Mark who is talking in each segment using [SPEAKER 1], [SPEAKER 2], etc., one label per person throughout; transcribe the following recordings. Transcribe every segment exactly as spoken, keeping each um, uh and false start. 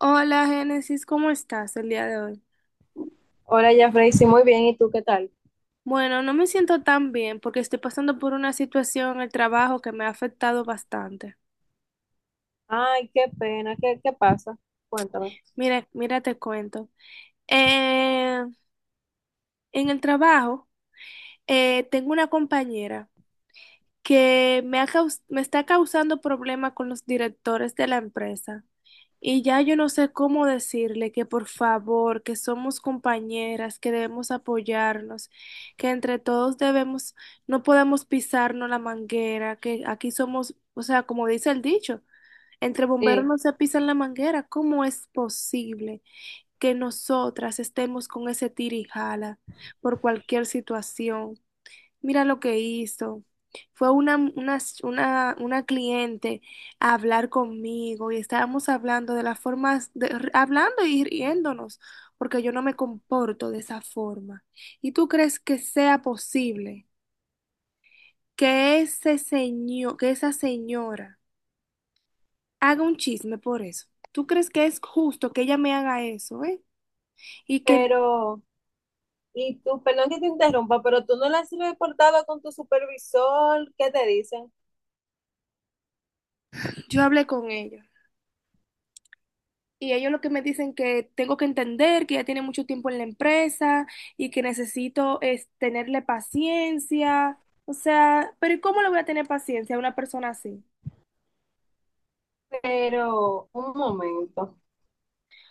[SPEAKER 1] Hola, Génesis, ¿cómo estás el día de hoy?
[SPEAKER 2] Hola, Jeffrey, sí, muy bien, ¿y tú qué tal?
[SPEAKER 1] Bueno, no me siento tan bien porque estoy pasando por una situación en el trabajo que me ha afectado bastante.
[SPEAKER 2] Ay, qué pena, ¿qué, qué pasa? Cuéntame.
[SPEAKER 1] Mira, mira, te cuento. Eh, en el trabajo, eh, tengo una compañera que me ha caus- me está causando problemas con los directores de la empresa. Y ya yo no sé cómo decirle que por favor, que somos compañeras, que debemos apoyarnos, que entre todos debemos, no podemos pisarnos la manguera, que aquí somos, o sea, como dice el dicho, entre bomberos
[SPEAKER 2] Sí,
[SPEAKER 1] no se pisan la manguera. ¿Cómo es posible que nosotras estemos con ese tira y jala por cualquier situación? Mira lo que hizo. Fue una, una, una, una cliente a hablar conmigo y estábamos hablando de las formas, de- r- hablando y riéndonos, porque yo no me comporto de esa forma. ¿Y tú crees que sea posible que ese señor, que esa señora haga un chisme por eso? ¿Tú crees que es justo que ella me haga eso, eh? Y que
[SPEAKER 2] pero, y tú, perdón que te interrumpa, pero tú no le has reportado con tu supervisor, ¿qué te dicen?
[SPEAKER 1] yo hable con ella. Y ellos lo que me dicen que tengo que entender que ya tiene mucho tiempo en la empresa y que necesito es tenerle paciencia. O sea, pero ¿y cómo le voy a tener paciencia a una persona así?
[SPEAKER 2] Pero, un momento.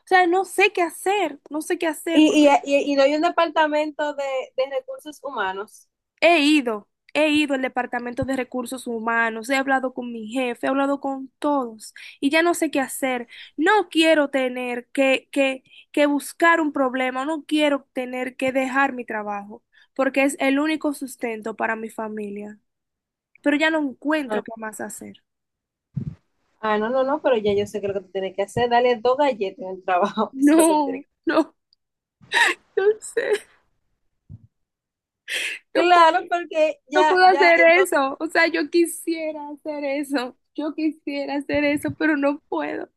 [SPEAKER 1] O sea, no sé qué hacer, no sé qué hacer
[SPEAKER 2] ¿Y, y,
[SPEAKER 1] porque
[SPEAKER 2] y, y no hay un departamento de, de recursos humanos?
[SPEAKER 1] He ido, he ido al Departamento de Recursos Humanos, he hablado con mi jefe, he hablado con todos y ya no sé qué hacer. No quiero tener que, que, que buscar un problema, no quiero tener que dejar mi trabajo, porque es el único sustento para mi familia. Pero ya no
[SPEAKER 2] Ah,
[SPEAKER 1] encuentro qué más hacer.
[SPEAKER 2] ah, no, no, no, pero ya yo sé que lo que tú tienes que hacer, dale dos galletas en el trabajo, eso es lo que tú tienes
[SPEAKER 1] No,
[SPEAKER 2] que hacer.
[SPEAKER 1] no, no sé, no
[SPEAKER 2] Claro,
[SPEAKER 1] puedo,
[SPEAKER 2] porque
[SPEAKER 1] no
[SPEAKER 2] ya,
[SPEAKER 1] puedo
[SPEAKER 2] ya,
[SPEAKER 1] hacer
[SPEAKER 2] entonces.
[SPEAKER 1] eso. O sea, yo quisiera hacer eso, yo quisiera hacer eso, pero no puedo.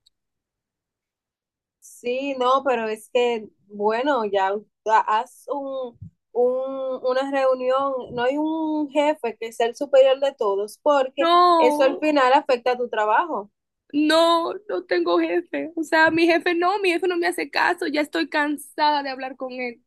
[SPEAKER 2] Sí, no, pero es que, bueno, ya ha- haz un, un- una reunión, no hay un jefe que sea el superior de todos, porque eso al
[SPEAKER 1] No.
[SPEAKER 2] final afecta a tu trabajo.
[SPEAKER 1] No, no tengo jefe. O sea, mi jefe no, mi jefe no me hace caso, ya estoy cansada de hablar con él.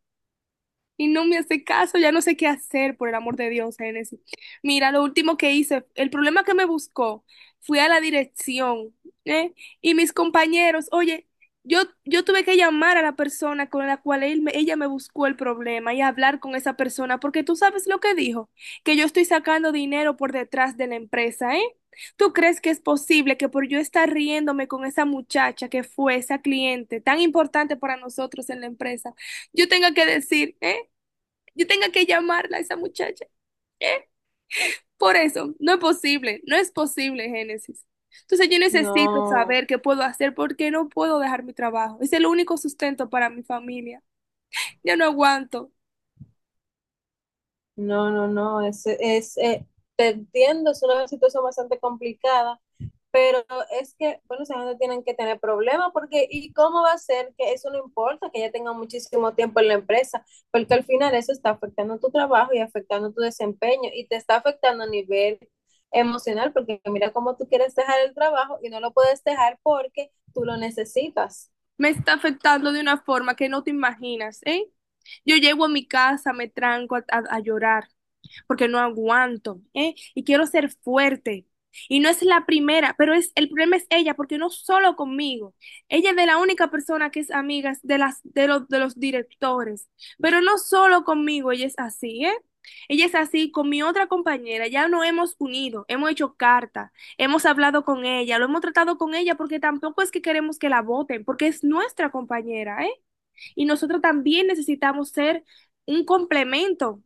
[SPEAKER 1] Y no me hace caso, ya no sé qué hacer, por el amor de Dios, Génesis. Mira, lo último que hice, el problema que me buscó, fui a la dirección, ¿eh? Y mis compañeros, oye, yo, yo tuve que llamar a la persona con la cual él me- ella me buscó el problema y hablar con esa persona, porque tú sabes lo que dijo, que yo estoy sacando dinero por detrás de la empresa, ¿eh? ¿Tú crees que es posible que por yo estar riéndome con esa muchacha que fue esa cliente tan importante para nosotros en la empresa, yo tenga que decir, ¿eh? Yo tenga que llamarla a esa muchacha. Por eso, no es posible, no es posible, Génesis. Entonces yo necesito
[SPEAKER 2] No.
[SPEAKER 1] saber qué puedo hacer porque no puedo dejar mi trabajo. Es el único sustento para mi familia. Ya no aguanto.
[SPEAKER 2] No, no, no, es, es, eh, te entiendo, es una situación bastante complicada, pero es que, bueno, esa gente tienen que tener problemas porque, ¿y cómo va a ser que eso no importa, que ya tenga muchísimo tiempo en la empresa? Porque al final eso está afectando tu trabajo y afectando tu desempeño y te está afectando a nivel emocional porque mira cómo tú quieres dejar el trabajo y no lo puedes dejar porque tú lo necesitas.
[SPEAKER 1] Me está afectando de una forma que no te imaginas, ¿eh? Yo llego a mi casa, me tranco a, a- a llorar porque no aguanto, ¿eh? Y quiero ser fuerte. Y no es la primera, pero es el problema es ella, porque no solo conmigo. Ella es de la única persona que es amiga es de las de los de los directores, pero no solo conmigo, ella es así, ¿eh? Ella es así con mi otra compañera, ya nos hemos unido, hemos hecho cartas. Hemos hablado con ella, lo hemos tratado con ella porque tampoco es que queremos que la voten, porque es nuestra compañera, ¿eh? Y nosotros también necesitamos ser un complemento,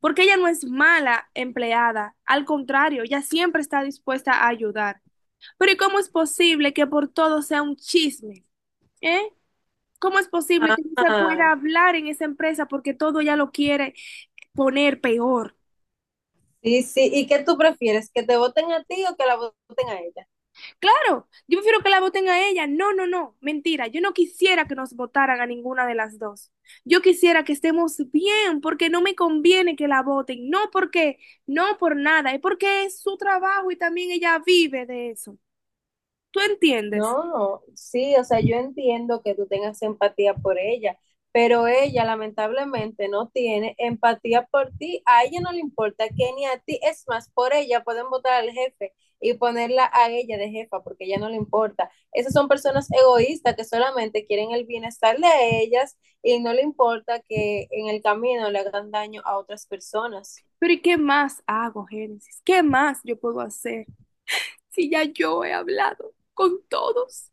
[SPEAKER 1] porque ella no es mala empleada, al contrario, ella siempre está dispuesta a ayudar. Pero ¿y cómo es posible que por todo sea un chisme? ¿Eh? ¿Cómo es posible que no se
[SPEAKER 2] Ah,
[SPEAKER 1] pueda hablar en esa empresa porque todo ya lo quiere poner peor?
[SPEAKER 2] sí, sí, ¿y qué tú prefieres, que te voten a ti o que la voten a ella?
[SPEAKER 1] Claro, yo prefiero que la voten a ella. No, no, no, mentira. Yo no quisiera que nos votaran a ninguna de las dos. Yo quisiera que estemos bien porque no me conviene que la voten. No porque, no por nada, es porque es su trabajo y también ella vive de eso. ¿Tú entiendes?
[SPEAKER 2] No, sí, o sea, yo entiendo que tú tengas empatía por ella, pero ella lamentablemente no tiene empatía por ti. A ella no le importa que ni a ti. Es más, por ella pueden votar al jefe y ponerla a ella de jefa porque a ella no le importa. Esas son personas egoístas que solamente quieren el bienestar de ellas y no le importa que en el camino le hagan daño a otras personas.
[SPEAKER 1] Pero ¿y qué más hago, Génesis? ¿Qué más yo puedo hacer si ya yo he hablado con todos?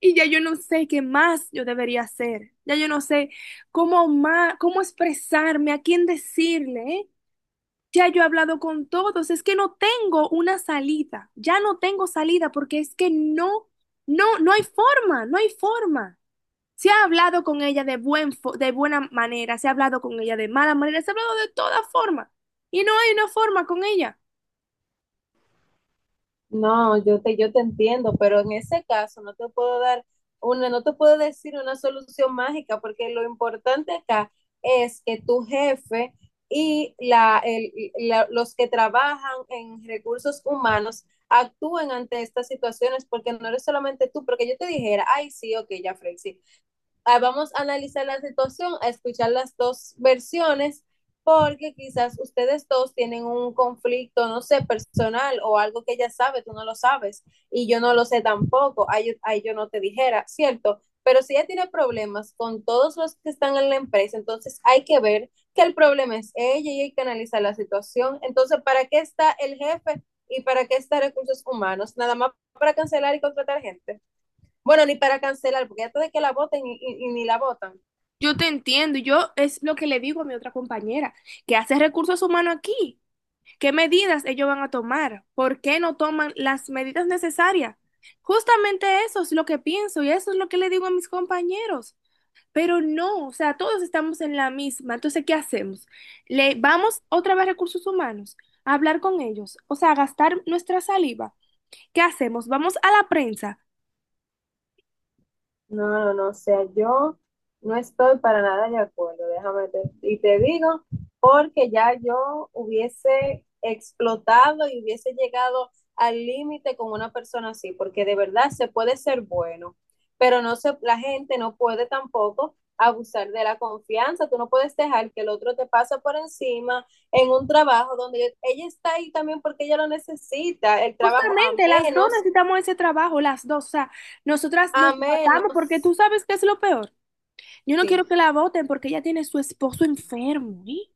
[SPEAKER 1] Y ya yo no sé qué más yo debería hacer. Ya yo no sé cómo más, cómo expresarme, a quién decirle, ¿eh? Ya yo he hablado con todos, es que no tengo una salida, ya no tengo salida porque es que no, no, no hay forma, no hay forma. Se ha hablado con ella de buen fo- de buena manera, se ha hablado con ella de mala manera, se ha hablado de toda forma y no hay una forma con ella.
[SPEAKER 2] No, yo te, yo te entiendo, pero en ese caso no te puedo dar una, no te puedo decir una solución mágica, porque lo importante acá es que tu jefe y la, el- la- los que trabajan en recursos humanos actúen ante estas situaciones, porque no eres solamente tú, porque yo te dijera, ay, sí, ok, ya, Frey, ah, vamos a analizar la situación, a escuchar las dos versiones, porque quizás ustedes dos tienen un conflicto, no sé, personal o algo que ella sabe, tú no lo sabes y yo no lo sé tampoco, ahí, ahí yo no te dijera, ¿cierto? Pero si ella tiene problemas con todos los que están en la empresa, entonces hay que ver que el problema es ella y hay que analizar la situación. Entonces, ¿para qué está el jefe y para qué está recursos humanos? Nada más para cancelar y contratar gente. Bueno, ni para cancelar, porque antes de que la voten y, y- y ni la votan.
[SPEAKER 1] Yo te entiendo, y yo es lo que le digo a mi otra compañera, que hace recursos humanos aquí. ¿Qué medidas ellos van a tomar? ¿Por qué no toman las medidas necesarias? Justamente eso es lo que pienso y eso es lo que le digo a mis compañeros. Pero no, o sea, todos estamos en la misma. Entonces, ¿qué hacemos? Le vamos otra vez a recursos humanos a hablar con ellos, o sea, a gastar nuestra saliva. ¿Qué hacemos? Vamos a la prensa.
[SPEAKER 2] No, no, no, o sea, yo no estoy para nada de acuerdo, déjame te- y te digo, porque ya yo hubiese explotado y hubiese llegado al límite con una persona así, porque de verdad se puede ser bueno, pero no se, la gente no puede tampoco abusar de la confianza, tú no puedes dejar que el otro te pase por encima en un trabajo donde ella ella está ahí también porque ella lo necesita, el trabajo, a
[SPEAKER 1] Justamente, las dos
[SPEAKER 2] menos,
[SPEAKER 1] necesitamos ese trabajo, las dos. O sea, nosotras nos
[SPEAKER 2] a
[SPEAKER 1] matamos porque tú
[SPEAKER 2] menos,
[SPEAKER 1] sabes qué es lo peor. Yo no
[SPEAKER 2] sí.
[SPEAKER 1] quiero que la voten porque ella tiene su esposo enfermo, ¿eh?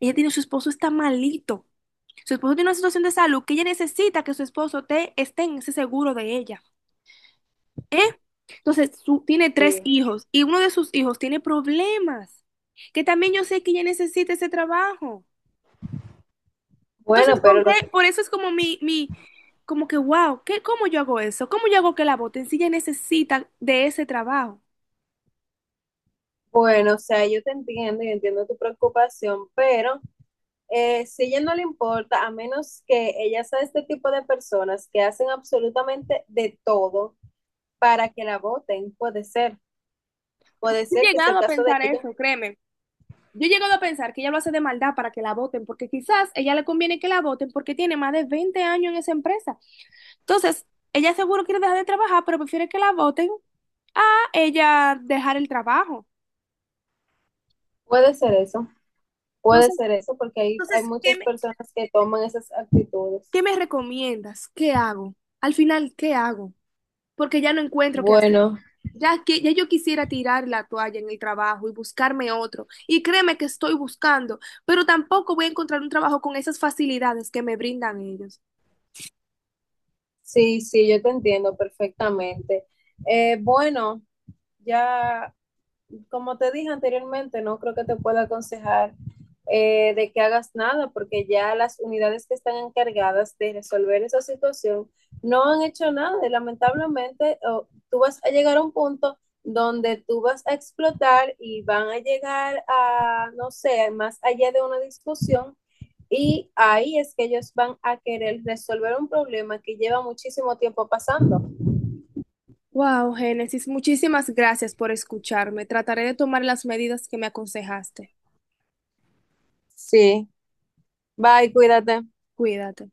[SPEAKER 1] Ella tiene su esposo está malito. Su esposo tiene una situación de salud que ella necesita que su esposo te, esté en ese seguro de ella. ¿Eh? Entonces, su- tiene tres
[SPEAKER 2] Sí.
[SPEAKER 1] hijos y uno de sus hijos tiene problemas, que también yo sé que ella necesita ese trabajo. Entonces,
[SPEAKER 2] Bueno,
[SPEAKER 1] ¿con
[SPEAKER 2] pero lo
[SPEAKER 1] qué?
[SPEAKER 2] que,
[SPEAKER 1] Por eso es como mi, mi, como que, wow, ¿qué, cómo yo hago eso? ¿Cómo yo hago que la voten si ella necesita de ese trabajo?
[SPEAKER 2] bueno, o sea, yo te entiendo y entiendo tu preocupación, pero eh, si ella no le importa, a menos que ella sea este tipo de personas que hacen absolutamente de todo para que la voten, puede ser,
[SPEAKER 1] Yo
[SPEAKER 2] puede
[SPEAKER 1] he
[SPEAKER 2] ser que sea
[SPEAKER 1] llegado
[SPEAKER 2] el
[SPEAKER 1] a
[SPEAKER 2] caso de
[SPEAKER 1] pensar
[SPEAKER 2] ella,
[SPEAKER 1] eso, créeme. Yo he llegado a pensar que ella lo hace de maldad para que la voten, porque quizás ella le conviene que la voten porque tiene más de veinte años en esa empresa. Entonces, ella seguro quiere dejar de trabajar, pero prefiere que la voten a ella dejar el trabajo.
[SPEAKER 2] puede ser eso, puede
[SPEAKER 1] Entonces,
[SPEAKER 2] ser eso, porque hay, hay
[SPEAKER 1] entonces, ¿qué
[SPEAKER 2] muchas
[SPEAKER 1] me,
[SPEAKER 2] personas que toman esas
[SPEAKER 1] ¿qué
[SPEAKER 2] actitudes.
[SPEAKER 1] me recomiendas? ¿Qué hago? Al final, ¿qué hago? Porque ya no encuentro qué hacer.
[SPEAKER 2] Bueno,
[SPEAKER 1] Ya que ya yo quisiera tirar la toalla en el trabajo y buscarme otro. Y créeme que estoy buscando, pero tampoco voy a encontrar un trabajo con esas facilidades que me brindan ellos.
[SPEAKER 2] sí, sí, yo te entiendo perfectamente. Eh, bueno, ya como te dije anteriormente, no creo que te pueda aconsejar eh, de que hagas nada, porque ya las unidades que están encargadas de resolver esa situación no han hecho nada y lamentablemente oh, tú vas a llegar a un punto donde tú vas a explotar y van a llegar a, no sé, más allá de una discusión y ahí es que ellos van a querer resolver un problema que lleva muchísimo tiempo pasando.
[SPEAKER 1] Wow, Génesis, muchísimas gracias por escucharme. Trataré de tomar las medidas que me aconsejaste.
[SPEAKER 2] Sí, bye, cuídate.
[SPEAKER 1] Cuídate.